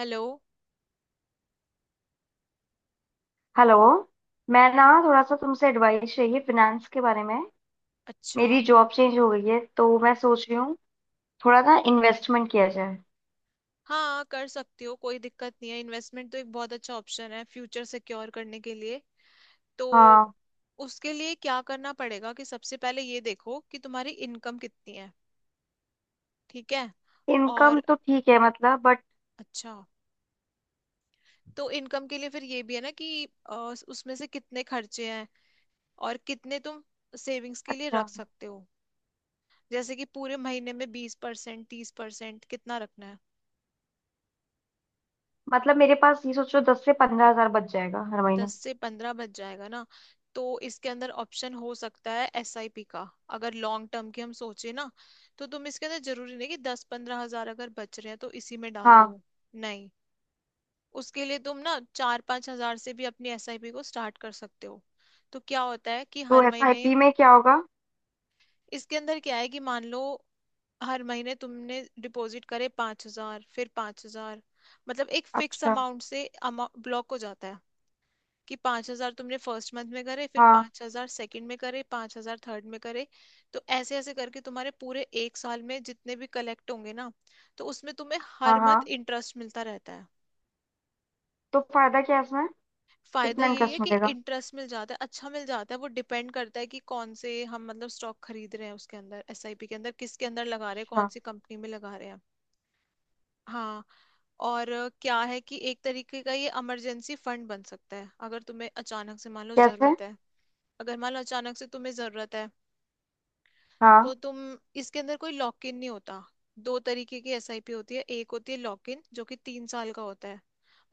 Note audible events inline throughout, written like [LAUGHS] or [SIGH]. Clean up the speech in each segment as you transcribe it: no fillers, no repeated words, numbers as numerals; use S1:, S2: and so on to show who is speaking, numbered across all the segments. S1: Hello.
S2: Hello. मैं ना थोड़ा सा तुमसे एडवाइस चाहिए फिनेंस के बारे में।
S1: अच्छा।
S2: मेरी जॉब चेंज हो गई है तो मैं सोच रही हूँ थोड़ा ना इन्वेस्टमेंट किया जाए।
S1: हाँ, कर सकती हो, कोई दिक्कत नहीं है। इन्वेस्टमेंट तो एक बहुत अच्छा ऑप्शन है फ्यूचर सिक्योर करने के लिए। तो
S2: हाँ।
S1: उसके लिए क्या करना पड़ेगा कि सबसे पहले ये देखो कि तुम्हारी इनकम कितनी है। ठीक है।
S2: इनकम
S1: और
S2: तो ठीक है मतलब बट।
S1: अच्छा, तो इनकम के लिए फिर ये भी है ना कि उसमें से कितने खर्चे हैं और कितने तुम सेविंग्स के लिए
S2: अच्छा।
S1: रख सकते हो। जैसे कि पूरे महीने में 20% 30% कितना रखना है।
S2: मतलब मेरे पास, ये सोचो, 10 से 15 हजार बच जाएगा हर महीने।
S1: 10 से 15 बच जाएगा ना। तो इसके अंदर ऑप्शन हो सकता है एसआईपी का, अगर लॉन्ग टर्म की हम सोचे ना। तो तुम इसके अंदर, जरूरी नहीं कि 10-15 हजार अगर बच रहे हैं तो इसी में डाल
S2: हाँ।
S1: दो। नहीं, उसके लिए तुम ना 4-5 हजार से भी अपनी एसआईपी को स्टार्ट कर सकते हो। तो क्या होता है कि
S2: तो
S1: हर महीने,
S2: एसआईपी में क्या होगा?
S1: इसके अंदर क्या है कि मान लो हर महीने तुमने डिपॉजिट करे पांच हजार फिर पांच हजार। मतलब एक फिक्स
S2: अच्छा।
S1: अमाउंट से ब्लॉक हो जाता है कि पांच हजार तुमने फर्स्ट मंथ में करे, फिर
S2: हाँ
S1: पांच हजार सेकेंड में करे, पांच हजार थर्ड में करे। तो ऐसे ऐसे करके तुम्हारे पूरे एक साल में जितने भी कलेक्ट होंगे ना, तो उसमें तुम्हें
S2: हाँ।
S1: हर
S2: हाँ।
S1: मंथ इंटरेस्ट मिलता रहता है।
S2: तो फायदा क्या है इसमें?
S1: फायदा
S2: कितना
S1: यही है
S2: इंटरेस्ट
S1: कि
S2: मिलेगा?
S1: इंटरेस्ट मिल जाता है, अच्छा मिल जाता है। वो डिपेंड करता है कि कौन से हम मतलब स्टॉक खरीद रहे हैं उसके अंदर, एसआईपी के अंदर किसके अंदर लगा रहे हैं, कौन
S2: अच्छा।
S1: सी कंपनी में लगा रहे हैं। हाँ। और क्या है कि एक तरीके का ये इमरजेंसी फंड बन सकता है, अगर तुम्हें अचानक से मान लो
S2: कैसे?
S1: जरूरत है। अगर मान लो अचानक से तुम्हें जरूरत है
S2: हाँ।
S1: तो तुम, इसके अंदर कोई लॉक इन नहीं होता। दो तरीके की एसआईपी होती है। एक होती है लॉक इन, जो कि 3 साल का होता है,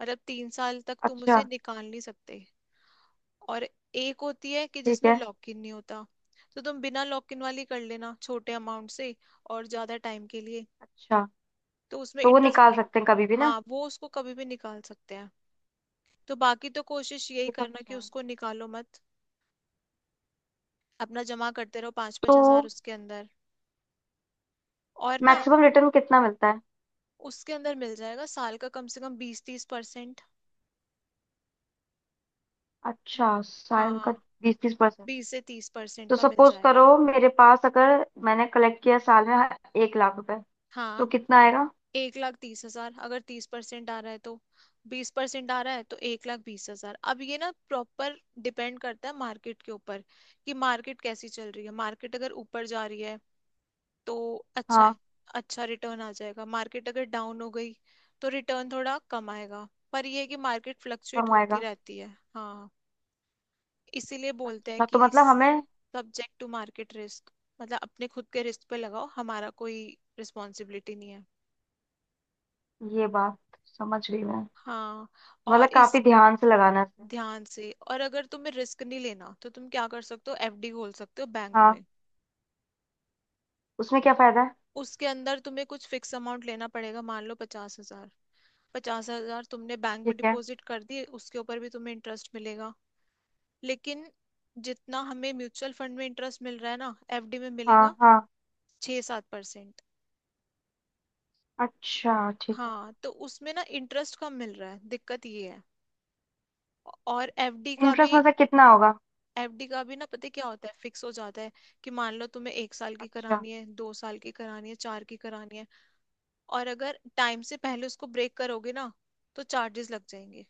S1: मतलब 3 साल तक तुम
S2: अच्छा।
S1: उसे निकाल नहीं सकते। और एक होती है कि
S2: ठीक
S1: जिसमें
S2: है।
S1: लॉक इन नहीं होता। तो तुम बिना लॉक इन वाली कर लेना, छोटे अमाउंट से और ज्यादा टाइम के लिए।
S2: अच्छा।
S1: तो उसमें
S2: तो वो
S1: इंटरेस्ट।
S2: निकाल सकते हैं कभी भी ना?
S1: हाँ, वो उसको कभी भी निकाल सकते हैं। तो बाकी तो कोशिश यही
S2: ये तो
S1: करना
S2: अच्छा
S1: कि
S2: है।
S1: उसको निकालो मत। अपना जमा करते रहो पाँच
S2: तो
S1: पाँच हजार उसके अंदर। और ना,
S2: मैक्सिमम रिटर्न कितना मिलता है?
S1: उसके अंदर मिल जाएगा साल का कम से कम 20-30%।
S2: अच्छा, साल का?
S1: हाँ।
S2: 20-30%?
S1: 20 से 30%
S2: तो
S1: का मिल
S2: सपोज करो
S1: जाएगा।
S2: मेरे पास, अगर मैंने कलेक्ट किया साल में 1 लाख रुपए, तो
S1: हाँ।
S2: कितना आएगा?
S1: 1,30,000 अगर तीस परसेंट आ रहा है तो, बीस परसेंट आ रहा है तो 1,20,000। अब ये ना प्रॉपर डिपेंड करता है मार्केट के ऊपर कि मार्केट कैसी चल रही है। मार्केट अगर ऊपर जा रही है तो अच्छा,
S2: हाँ।
S1: अच्छा रिटर्न आ जाएगा। मार्केट अगर डाउन हो गई तो रिटर्न थोड़ा कम आएगा, पर ये है कि मार्केट फ्लक्चुएट
S2: कम
S1: होती
S2: आएगा?
S1: रहती है। हाँ। इसीलिए बोलते हैं
S2: अच्छा,
S1: कि
S2: तो मतलब हमें,
S1: सब्जेक्ट टू मार्केट रिस्क। मतलब अपने खुद के रिस्क पे लगाओ, हमारा कोई रिस्पॉन्सिबिलिटी नहीं है।
S2: ये बात समझ गई मैं।
S1: हाँ। और
S2: मतलब काफी
S1: इस,
S2: ध्यान से लगाना है इसे।
S1: ध्यान से। और अगर तुम्हें रिस्क नहीं लेना तो तुम क्या कर सकते हो, एफडी खोल सकते हो बैंक
S2: हाँ।
S1: में।
S2: उसमें क्या फायदा है?
S1: उसके अंदर तुम्हें कुछ फिक्स अमाउंट लेना पड़ेगा, मान लो 50 हजार। पचास हजार तुमने बैंक में
S2: ठीक है।
S1: डिपॉजिट कर दिए, उसके ऊपर भी तुम्हें इंटरेस्ट मिलेगा। लेकिन जितना हमें म्यूचुअल फंड में इंटरेस्ट मिल रहा है ना, एफडी में मिलेगा
S2: हाँ हाँ।
S1: 6-7%।
S2: अच्छा। ठीक है।
S1: हाँ, तो उसमें ना इंटरेस्ट कम मिल रहा है, दिक्कत ये है। और एफडी का
S2: इंटरेस्ट
S1: भी,
S2: मतलब कितना होगा?
S1: एफडी का भी ना, पता है क्या होता है, फिक्स हो जाता है कि मान लो तुम्हें एक साल की
S2: अच्छा।
S1: करानी है, दो साल की करानी है, चार की करानी है। और अगर टाइम से पहले उसको ब्रेक करोगे ना तो चार्जेस लग जाएंगे।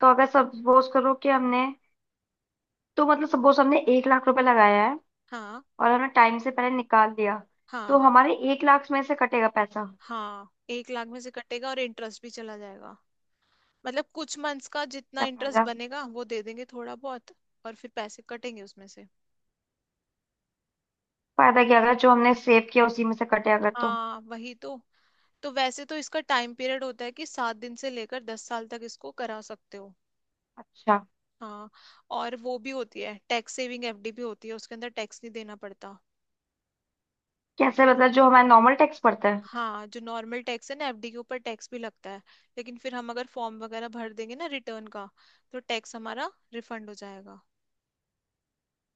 S2: तो अगर सपोज करो कि हमने, तो मतलब सपोज हमने 1 लाख रुपए लगाया है
S1: हाँ।
S2: और हमने टाइम से पहले निकाल लिया, तो
S1: हाँ।
S2: हमारे 1 लाख में से कटेगा पैसा?
S1: हाँ, एक लाख में से कटेगा और इंटरेस्ट भी चला जाएगा। मतलब कुछ मंथ्स का जितना
S2: क्या
S1: इंटरेस्ट
S2: फायदा?
S1: बनेगा वो दे देंगे थोड़ा बहुत, और फिर पैसे कटेंगे उसमें से।
S2: फायदा क्या, अगर जो हमने सेव किया उसी में से कटे अगर तो।
S1: हाँ वही तो। तो वैसे तो इसका टाइम पीरियड होता है कि 7 दिन से लेकर 10 साल तक इसको करा सकते हो।
S2: अच्छा।
S1: हाँ। और वो भी होती है टैक्स सेविंग एफडी भी होती है, उसके अंदर टैक्स नहीं देना पड़ता।
S2: कैसे मतलब, जो हमारा नॉर्मल टैक्स पड़ता है?
S1: हाँ, जो नॉर्मल टैक्स है ना एफडी के ऊपर टैक्स भी लगता है, लेकिन फिर हम अगर फॉर्म वगैरह भर देंगे ना रिटर्न का, तो टैक्स हमारा रिफंड हो जाएगा।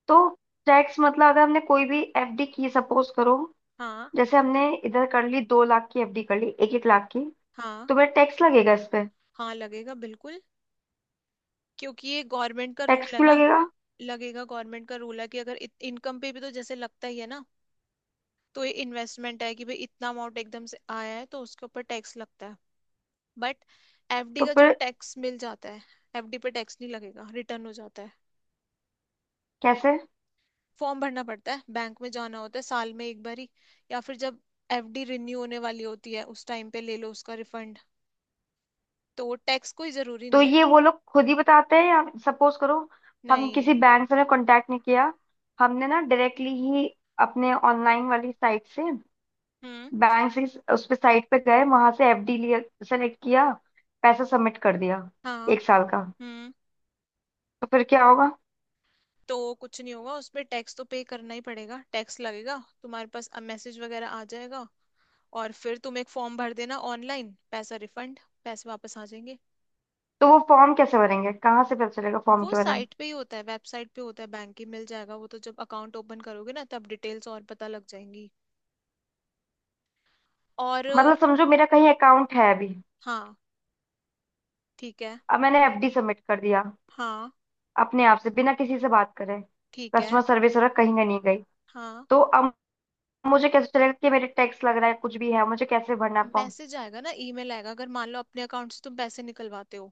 S2: तो टैक्स मतलब अगर हमने कोई भी एफडी की, सपोज करो,
S1: हाँ।
S2: जैसे हमने इधर कर ली 2 लाख की एफडी, कर ली एक एक लाख की,
S1: हाँ।
S2: तो फिर टैक्स लगेगा इस पे?
S1: हाँ लगेगा बिल्कुल, क्योंकि ये गवर्नमेंट का
S2: टैक्स
S1: रूल है
S2: क्यों
S1: ना।
S2: लगेगा?
S1: लगेगा, गवर्नमेंट का रूल है कि अगर, इनकम पे भी तो जैसे लगता ही है ना, तो ये इन्वेस्टमेंट है कि भाई इतना अमाउंट एकदम से आया है, तो उसके ऊपर टैक्स लगता है। बट एफडी
S2: तो
S1: का जो
S2: फिर
S1: टैक्स मिल जाता है, एफडी पे टैक्स नहीं लगेगा, रिटर्न हो जाता है।
S2: कैसे?
S1: फॉर्म भरना पड़ता है, बैंक में जाना होता है साल में एक बार ही, या फिर जब एफडी रिन्यू होने वाली होती है उस टाइम पे ले लो उसका रिफंड। तो टैक्स कोई जरूरी
S2: तो
S1: नहीं है।
S2: ये वो लोग खुद ही बताते हैं, या सपोज करो हम किसी
S1: नहीं।
S2: बैंक से ने कांटेक्ट नहीं किया, हमने ना डायरेक्टली ही अपने ऑनलाइन वाली साइट से,
S1: हम्म।
S2: बैंक से, उस पे साइट पे गए, वहां से एफडी लिया, सेलेक्ट किया, पैसा सबमिट कर दिया,
S1: हाँ।
S2: एक साल का,
S1: हम्म।
S2: तो फिर क्या होगा?
S1: तो कुछ नहीं होगा, उस पे टैक्स तो पे करना ही पड़ेगा, टैक्स लगेगा। तुम्हारे पास अब मैसेज वगैरह आ जाएगा और फिर तुम एक फॉर्म भर देना ऑनलाइन, पैसा रिफंड, पैसे वापस आ जाएंगे।
S2: तो वो फॉर्म कैसे भरेंगे? कहाँ से पता चलेगा फॉर्म
S1: वो
S2: के बारे में?
S1: साइट पे ही होता है, वेबसाइट पे होता है बैंक की, मिल जाएगा वो तो, जब अकाउंट ओपन करोगे ना तब डिटेल्स और पता लग जाएंगी। और
S2: मतलब समझो मेरा कहीं अकाउंट है अभी,
S1: हाँ। ठीक है।
S2: अब मैंने एफडी सबमिट कर दिया
S1: हाँ।
S2: अपने आप से, बिना किसी से बात करे,
S1: ठीक है।
S2: कस्टमर सर्विस वाला कहीं का नहीं गई,
S1: हाँ,
S2: तो अब मुझे कैसे चलेगा कि मेरे टैक्स लग रहा है कुछ भी है, मुझे कैसे भरना फॉर्म?
S1: मैसेज आएगा ना, ईमेल आएगा, अगर मान लो अपने अकाउंट से तुम पैसे निकलवाते हो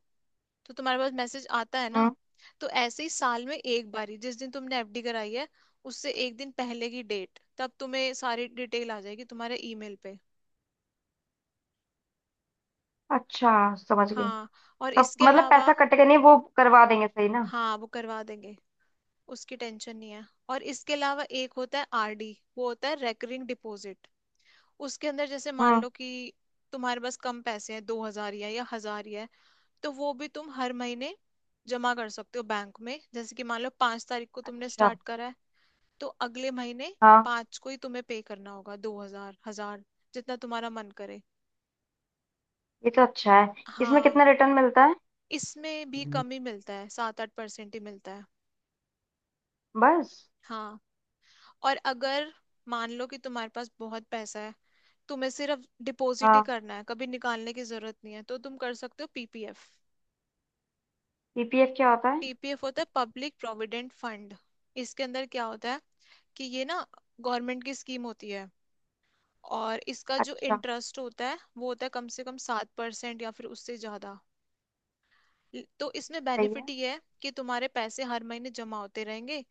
S1: तो तुम्हारे पास मैसेज आता है ना।
S2: हम्म।
S1: तो ऐसे ही साल में एक बारी, जिस दिन तुमने एफडी कराई है उससे एक दिन पहले की डेट, तब तुम्हें सारी डिटेल आ जाएगी तुम्हारे ईमेल पे।
S2: अच्छा, समझ गई।
S1: हाँ। और
S2: तो
S1: इसके
S2: मतलब
S1: अलावा,
S2: पैसा कटेगा नहीं, वो करवा देंगे सही ना?
S1: हाँ, वो करवा देंगे, उसकी टेंशन नहीं है। और इसके अलावा एक होता है आरडी, वो होता है रेकरिंग डिपॉजिट। उसके अंदर जैसे मान
S2: हम्म।
S1: लो कि तुम्हारे पास कम पैसे हैं, 2 हजार या हजार या, तो वो भी तुम हर महीने जमा कर सकते हो बैंक में। जैसे कि मान लो 5 तारीख को तुमने
S2: अच्छा।
S1: स्टार्ट करा है, तो अगले महीने
S2: हाँ,
S1: पांच को ही तुम्हें पे करना होगा, दो हजार, हजार, जितना तुम्हारा मन करे।
S2: ये तो अच्छा है। इसमें
S1: हाँ।
S2: कितना रिटर्न मिलता है?
S1: इसमें भी
S2: हम्म।
S1: कम ही मिलता है, 7-8% ही मिलता है।
S2: बस।
S1: हाँ। और अगर मान लो कि तुम्हारे पास बहुत पैसा है, तुम्हें सिर्फ डिपॉजिट ही
S2: हाँ।
S1: करना है, कभी निकालने की जरूरत नहीं है, तो तुम कर सकते हो पीपीएफ।
S2: पीपीएफ क्या होता है?
S1: पीपीएफ होता है पब्लिक प्रोविडेंट फंड। इसके अंदर क्या होता है कि ये ना गवर्नमेंट की स्कीम होती है, और इसका जो
S2: अच्छा।
S1: इंटरेस्ट होता है वो होता है कम से कम 7% या फिर उससे ज्यादा। तो इसमें
S2: सही है।
S1: बेनिफिट ये है कि तुम्हारे पैसे हर महीने जमा होते रहेंगे।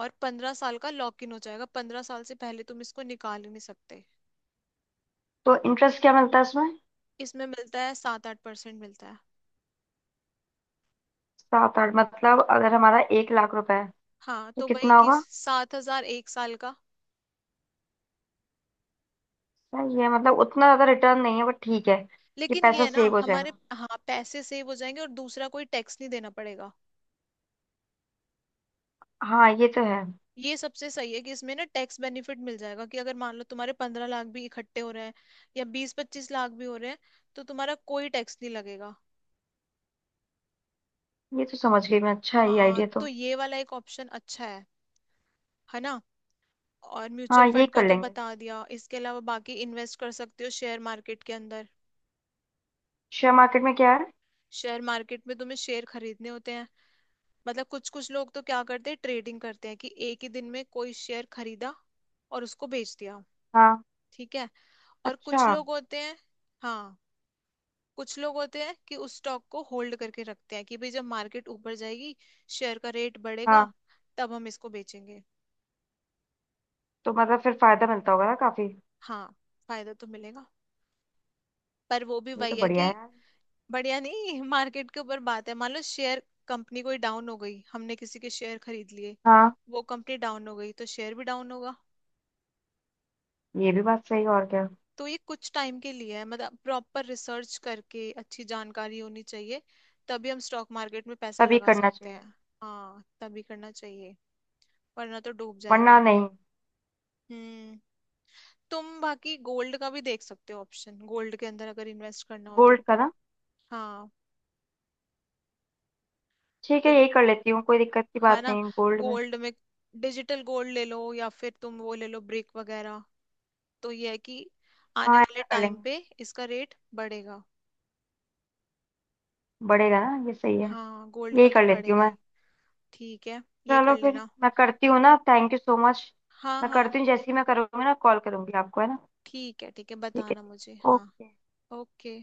S1: और 15 साल का लॉक इन हो जाएगा, 15 साल से पहले तुम इसको निकाल ही नहीं सकते।
S2: तो इंटरेस्ट क्या मिलता है इसमें?
S1: इसमें मिलता है 7-8% मिलता है।
S2: 7-8 मतलब अगर हमारा 1 लाख रुपए है,
S1: हाँ,
S2: तो
S1: तो वही
S2: कितना
S1: कि
S2: होगा?
S1: 7 हजार एक साल का।
S2: सही है, मतलब उतना ज्यादा रिटर्न नहीं है बट ठीक है। ये
S1: लेकिन ये
S2: पैसा
S1: है ना
S2: सेव हो
S1: हमारे,
S2: जाएगा?
S1: हाँ, पैसे सेव हो जाएंगे और दूसरा कोई टैक्स नहीं देना पड़ेगा।
S2: हाँ ये तो है।
S1: ये सबसे सही है कि इसमें ना टैक्स बेनिफिट मिल जाएगा, कि अगर मान लो तुम्हारे 15 लाख भी इकट्ठे हो रहे हैं या 20-25 लाख भी हो रहे हैं, तो तुम्हारा कोई टैक्स नहीं लगेगा।
S2: ये तो समझ गई मैं, अच्छा है ये
S1: हाँ,
S2: आइडिया तो।
S1: तो ये वाला एक ऑप्शन अच्छा है ना। और म्यूचुअल
S2: हाँ ये
S1: फंड का
S2: कर
S1: तो
S2: लेंगे।
S1: बता दिया, इसके अलावा बाकी इन्वेस्ट कर सकते हो शेयर मार्केट के अंदर।
S2: शेयर मार्केट में क्या है?
S1: शेयर मार्केट में तुम्हें शेयर खरीदने होते हैं, मतलब कुछ, कुछ लोग तो क्या करते हैं, ट्रेडिंग करते हैं कि एक ही दिन में कोई शेयर खरीदा और उसको बेच दिया।
S2: हाँ।
S1: ठीक है, और
S2: अच्छा।
S1: कुछ लोग होते हैं, हाँ, कुछ लोग होते हैं कि उस स्टॉक को होल्ड करके रखते हैं कि भाई जब मार्केट ऊपर जाएगी, शेयर का रेट बढ़ेगा,
S2: हाँ।
S1: तब हम इसको बेचेंगे।
S2: तो मतलब फिर फायदा मिलता होगा ना काफी?
S1: हाँ। फायदा तो मिलेगा पर वो भी
S2: ये तो
S1: वही है
S2: बढ़िया है
S1: कि,
S2: यार।
S1: बढ़िया नहीं, [LAUGHS] मार्केट के ऊपर बात है। मान लो शेयर, कंपनी कोई डाउन हो गई, हमने किसी के शेयर खरीद लिए,
S2: हाँ,
S1: वो कंपनी डाउन हो गई तो शेयर भी डाउन होगा।
S2: ये भी बात सही है, और क्या।
S1: तो ये कुछ टाइम के लिए है, मतलब प्रॉपर रिसर्च करके अच्छी जानकारी होनी चाहिए, तभी हम स्टॉक मार्केट में पैसा
S2: तभी
S1: लगा
S2: करना
S1: सकते
S2: चाहिए।
S1: हैं। हाँ, तभी करना चाहिए, वरना तो डूब
S2: वरना
S1: जाएगा।
S2: नहीं।
S1: हम्म। तुम बाकी गोल्ड का भी देख सकते हो ऑप्शन, गोल्ड के अंदर अगर इन्वेस्ट करना हो तो।
S2: गोल्ड का ना?
S1: हाँ।
S2: ठीक है,
S1: तो,
S2: यही कर लेती हूँ, कोई दिक्कत की
S1: है
S2: बात
S1: ना,
S2: नहीं गोल्ड में।
S1: गोल्ड में, डिजिटल गोल्ड ले लो या फिर तुम वो ले लो ब्रिक वगैरह। तो ये है कि आने
S2: हाँ
S1: वाले
S2: ऐसा कर
S1: टाइम
S2: लेंगे।
S1: पे इसका रेट बढ़ेगा।
S2: बढ़ेगा ना? ये सही है।
S1: हाँ, गोल्ड
S2: यही
S1: का तो
S2: कर लेती हूँ
S1: बढ़ेगा
S2: मैं।
S1: ही। ठीक है, ये
S2: चलो
S1: कर
S2: फिर,
S1: लेना।
S2: मैं करती हूँ ना, थैंक यू सो मच।
S1: हाँ।
S2: मैं
S1: हाँ
S2: करती हूँ, जैसे ही मैं करूँगी ना कॉल करूंगी आपको, है ना?
S1: ठीक है, ठीक है,
S2: ठीक है,
S1: बताना
S2: ठीक
S1: मुझे,
S2: है,
S1: हाँ।
S2: ओके।
S1: ओके।